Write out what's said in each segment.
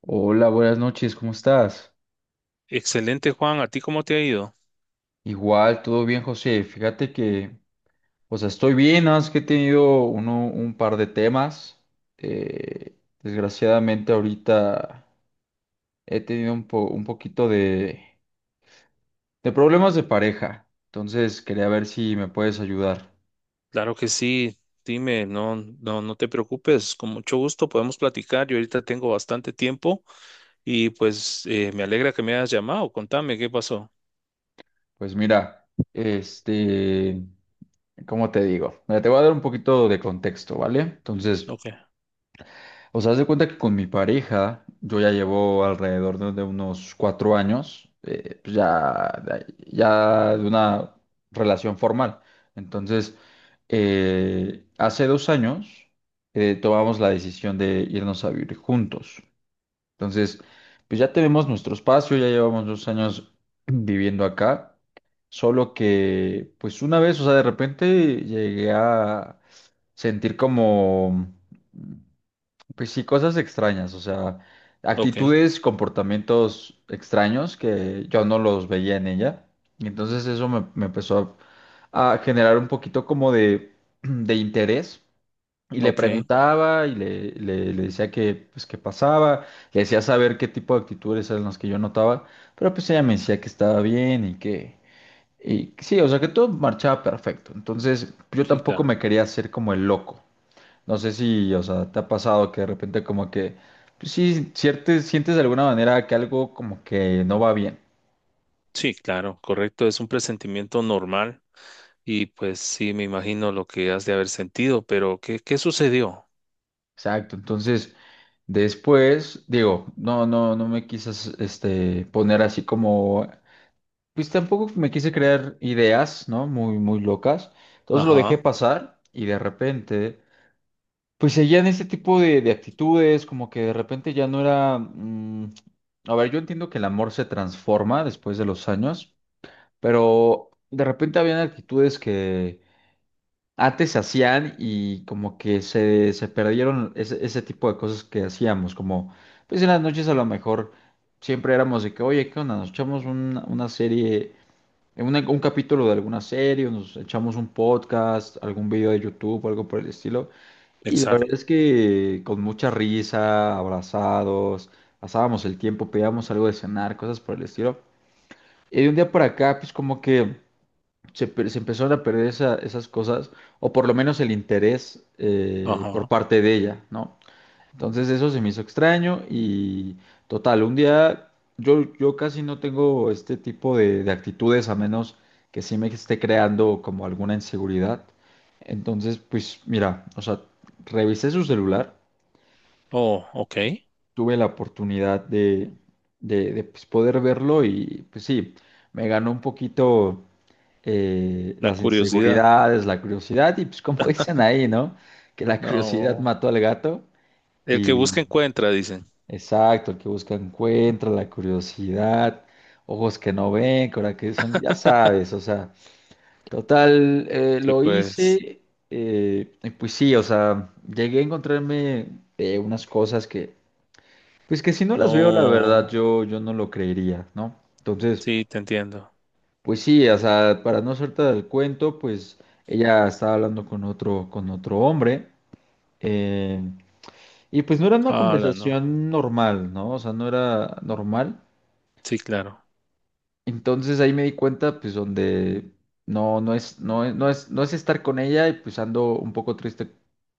Hola, buenas noches, ¿cómo estás? Excelente, Juan. ¿A ti cómo te ha ido? Igual, todo bien, José. Fíjate que, o sea, estoy bien, nada más que he tenido un par de temas. Eh, Desgraciadamente ahorita he tenido un poquito de problemas de pareja. Entonces, quería ver si me puedes ayudar. Claro que sí. Dime, no te preocupes. Con mucho gusto podemos platicar. Yo ahorita tengo bastante tiempo y pues me alegra que me hayas llamado. Contame qué pasó. Pues mira, ¿cómo te digo? Mira, te voy a dar un poquito de contexto, ¿vale? Entonces. Ok, O sea, haz de cuenta que con mi pareja, yo ya llevo alrededor de unos 4 años, pues ya de una relación formal. Entonces, hace 2 años tomamos la decisión de irnos a vivir juntos. Entonces, pues ya tenemos nuestro espacio, ya llevamos 2 años viviendo acá. Solo que, pues una vez, o sea, de repente llegué a sentir como pues sí, cosas extrañas, o sea, ok, actitudes, comportamientos extraños que yo no los veía en ella. Y entonces eso me empezó a generar un poquito como de, de interés. Y le ok. preguntaba y le decía que, pues, qué pasaba, le decía saber qué tipo de actitudes eran las que yo notaba, pero pues ella me decía que estaba bien y que sí, o sea, que todo marchaba perfecto. Entonces yo Sí, tampoco claro. me quería hacer como el loco. No sé si, o sea, te ha pasado que de repente como que, pues sí, sientes de alguna manera que algo como que no va bien. Sí, claro, correcto. Es un presentimiento normal y pues sí, me imagino lo que has de haber sentido, pero ¿qué sucedió? Exacto. Entonces, después, digo, no me quisas, poner así como, pues tampoco me quise crear ideas, ¿no? Muy, muy locas. Entonces lo dejé Ajá, pasar y de repente, pues seguían ese tipo de actitudes, como que de repente ya no era, a ver, yo entiendo que el amor se transforma después de los años, pero de repente habían actitudes que antes se hacían y como que se perdieron ese tipo de cosas que hacíamos, como pues en las noches a lo mejor siempre éramos de que, oye, ¿qué onda? Nos echamos una serie, un capítulo de alguna serie, o nos echamos un podcast, algún video de YouTube o algo por el estilo. Y la verdad exacto. es que con mucha risa, abrazados, pasábamos el tiempo, pedíamos algo de cenar, cosas por el estilo. Y de un día para acá, pues como que se empezaron a perder esas cosas, o por lo menos el interés por Ajá. parte de ella, ¿no? Entonces eso se me hizo extraño y total, un día yo casi no tengo este tipo de actitudes a menos que sí me esté creando como alguna inseguridad. Entonces, pues mira, o sea, revisé su celular, Oh, ok. tuve la oportunidad de, pues, poder verlo y pues sí, me ganó un poquito La las curiosidad. inseguridades, la curiosidad, y pues como dicen ahí, ¿no? Que la curiosidad No. mató al gato El que y busca encuentra, dicen. exacto, el que busca encuentra, la curiosidad, ojos que no ven, ahora que son, ya sabes, o sea, total, Sí, lo pues, hice, y pues sí, o sea, llegué a encontrarme unas cosas que, pues que si no las veo, la no, verdad, yo no lo creería, ¿no? Entonces. sí, te entiendo. Pues sí, o sea, para no soltar el cuento, pues ella estaba hablando con otro hombre, eh, y pues no era una Hala, no. conversación normal, ¿no? O sea, no era normal. Sí, claro. Entonces ahí me di cuenta, pues, donde no es estar con ella, y pues ando un poco triste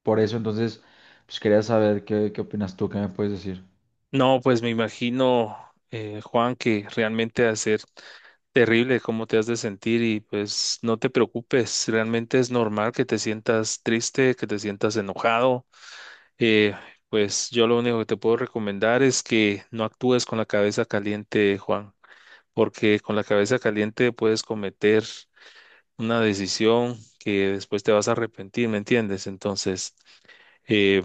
por eso. Entonces, pues quería saber qué opinas tú, qué me puedes decir. No, pues me imagino, Juan, que realmente ha ser terrible cómo te has de sentir y pues no te preocupes, realmente es normal que te sientas triste, que te sientas enojado. Eh, pues yo lo único que te puedo recomendar es que no actúes con la cabeza caliente, Juan, porque con la cabeza caliente puedes cometer una decisión que después te vas a arrepentir, ¿me entiendes? Entonces, eh,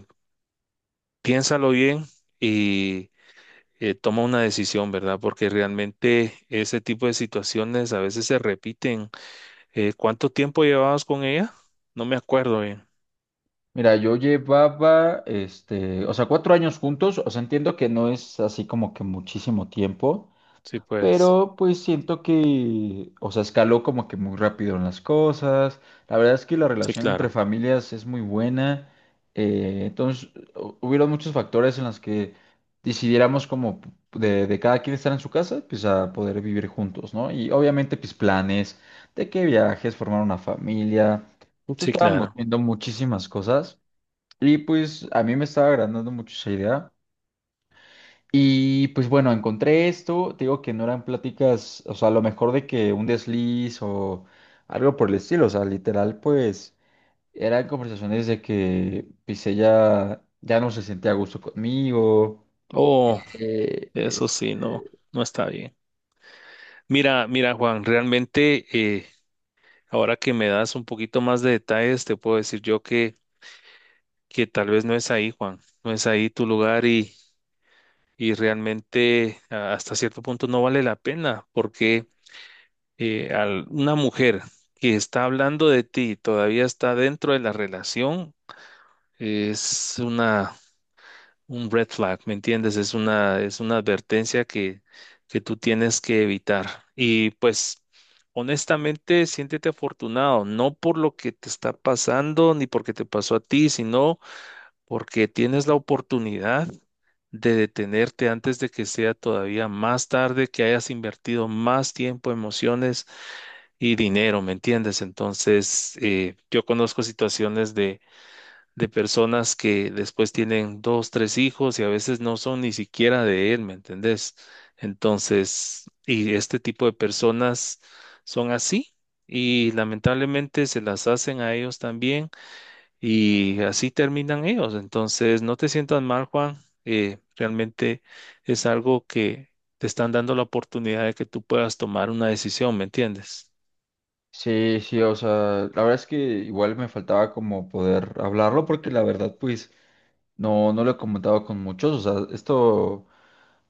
piénsalo bien y toma una decisión, ¿verdad? Porque realmente ese tipo de situaciones a veces se repiten. ¿Cuánto tiempo llevabas con ella? No me acuerdo bien. Mira, yo llevaba, o sea, 4 años juntos, o sea, entiendo que no es así como que muchísimo tiempo. Sí, pues. Pero pues siento que, o sea, escaló como que muy rápido en las cosas. La verdad es que la Sí, relación entre claro. familias es muy buena. Entonces, hubieron muchos factores en los que decidiéramos como de, cada quien estar en su casa, pues a poder vivir juntos, ¿no? Y obviamente, pues planes de qué viajes, formar una familia. Justo Sí, estábamos claro. viendo muchísimas cosas y pues a mí me estaba agrandando mucho esa idea. Y pues bueno, encontré esto, te digo que no eran pláticas, o sea, a lo mejor de que un desliz o algo por el estilo, o sea, literal, pues eran conversaciones de que pues ella ya no se sentía a gusto conmigo. Oh, eh, eso sí, no, este, no está bien. Mira, Juan, realmente ahora que me das un poquito más de detalles, te puedo decir yo que tal vez no es ahí, Juan, no es ahí tu lugar y realmente hasta cierto punto no vale la pena porque una mujer que está hablando de ti y todavía está dentro de la relación es una, un red flag, ¿me entiendes? Es una advertencia que tú tienes que evitar. Y pues... Honestamente, siéntete afortunado, no por lo que te está pasando ni porque te pasó a ti, sino porque tienes la oportunidad de detenerte antes de que sea todavía más tarde, que hayas invertido más tiempo, emociones y dinero, ¿me entiendes? Entonces, yo conozco situaciones de personas que después tienen dos, tres hijos y a veces no son ni siquiera de él, ¿me entendés? Entonces, y este tipo de personas son así y lamentablemente se las hacen a ellos también y así terminan ellos. Entonces, no te sientas mal, Juan. Realmente es algo que te están dando la oportunidad de que tú puedas tomar una decisión, ¿me entiendes? sí, sí, o sea, la verdad es que igual me faltaba como poder hablarlo porque la verdad, pues no lo he comentado con muchos, o sea, esto,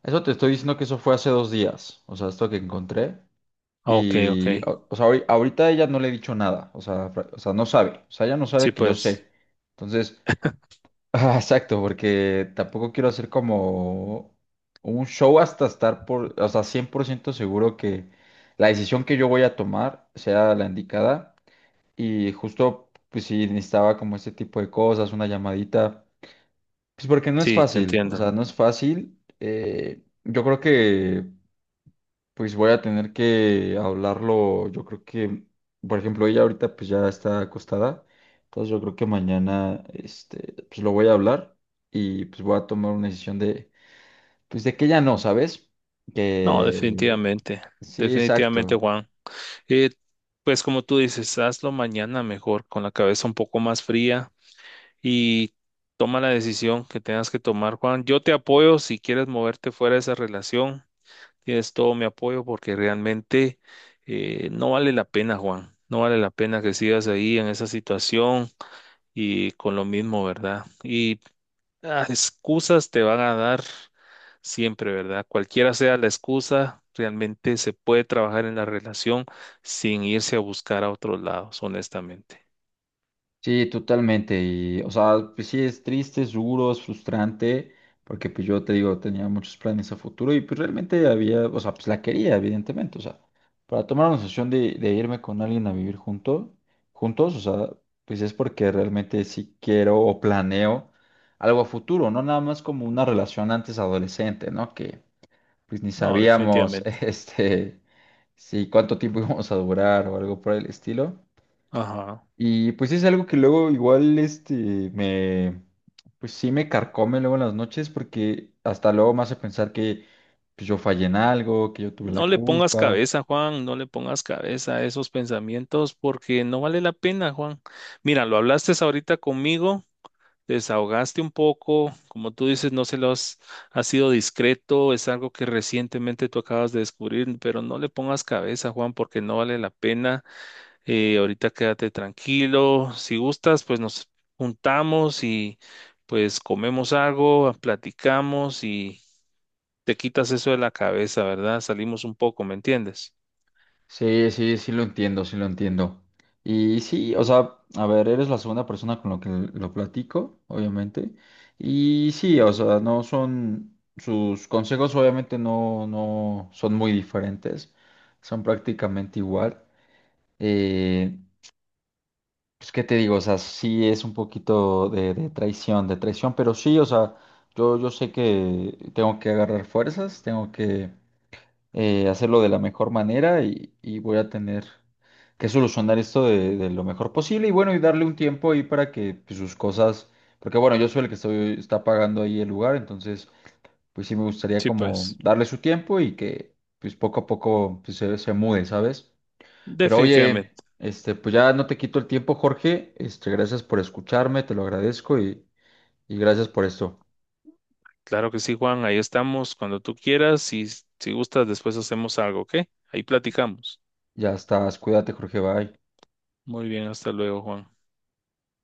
eso te estoy diciendo que eso fue hace 2 días, o sea, esto que encontré. Ah, ok, ok. Y, o sea, ahorita ella no le he dicho nada, o sea, o sea, no sabe, o sea, ella no Sí, sabe que yo pues. sé. Entonces, ah, exacto, porque tampoco quiero hacer como un show hasta estar por, o sea, 100% seguro que la decisión que yo voy a tomar sea la indicada. Y justo, pues sí, necesitaba como este tipo de cosas, una llamadita, pues porque no es Sí, te fácil, o entiendo. sea, no es fácil. Yo creo que pues voy a tener que hablarlo, yo creo que, por ejemplo, ella ahorita pues ya está acostada, entonces yo creo que mañana, pues lo voy a hablar y pues voy a tomar una decisión pues de que ya no, ¿sabes? No, Que definitivamente. sí, Definitivamente, exacto. Juan. Eh, pues como tú dices, hazlo mañana mejor, con la cabeza un poco más fría y toma la decisión que tengas que tomar, Juan. Yo te apoyo si quieres moverte fuera de esa relación. Tienes todo mi apoyo porque realmente no vale la pena, Juan. No vale la pena que sigas ahí en esa situación y con lo mismo, ¿verdad? Y ah, excusas te van a dar siempre, ¿verdad? Cualquiera sea la excusa, realmente se puede trabajar en la relación sin irse a buscar a otros lados, honestamente. Sí, totalmente. Y, o sea, pues sí, es triste, es duro, es frustrante, porque pues yo te digo, tenía muchos planes a futuro y pues realmente había, o sea, pues la quería, evidentemente. O sea, para tomar una decisión de irme con alguien a vivir juntos, o sea, pues es porque realmente sí quiero o planeo algo a futuro, no nada más como una relación antes adolescente, ¿no? Que pues ni No, sabíamos, definitivamente. Si cuánto tiempo íbamos a durar o algo por el estilo. Ajá. Y pues es algo que luego igual este me pues sí me carcome luego en las noches porque hasta luego me hace pensar que pues, yo fallé en algo, que yo tuve la No le pongas culpa. cabeza, Juan, no le pongas cabeza a esos pensamientos porque no vale la pena, Juan. Mira, lo hablaste ahorita conmigo, te desahogaste un poco, como tú dices, no se los has sido discreto, es algo que recientemente tú acabas de descubrir, pero no le pongas cabeza, Juan, porque no vale la pena. Ahorita quédate tranquilo, si gustas, pues nos juntamos y pues comemos algo, platicamos y te quitas eso de la cabeza, ¿verdad? Salimos un poco, ¿me entiendes? Sí, sí, sí lo entiendo, sí lo entiendo. Y sí, o sea, a ver, eres la segunda persona con la que lo platico, obviamente. Y sí, o sea, no son sus consejos obviamente no son muy diferentes. Son prácticamente igual. Eh, Pues, ¿qué te digo? O sea, sí es un poquito de traición, de traición, pero sí, o sea, yo sé que tengo que agarrar fuerzas, tengo que hacerlo de la mejor manera y voy a tener que solucionar esto de lo mejor posible y bueno, y darle un tiempo ahí para que pues, sus cosas, porque bueno, yo soy el que estoy, está pagando ahí el lugar, entonces pues sí me gustaría Sí, como pues, darle su tiempo y que pues poco a poco pues, se mude, ¿sabes? Pero oye, definitivamente. Pues ya no te quito el tiempo, Jorge. Gracias por escucharme, te lo agradezco y gracias por esto. Claro que sí, Juan. Ahí estamos cuando tú quieras y si gustas, después hacemos algo, ¿ok? Ahí platicamos. Ya estás, cuídate, Jorge, bye. Muy bien, hasta luego, Juan.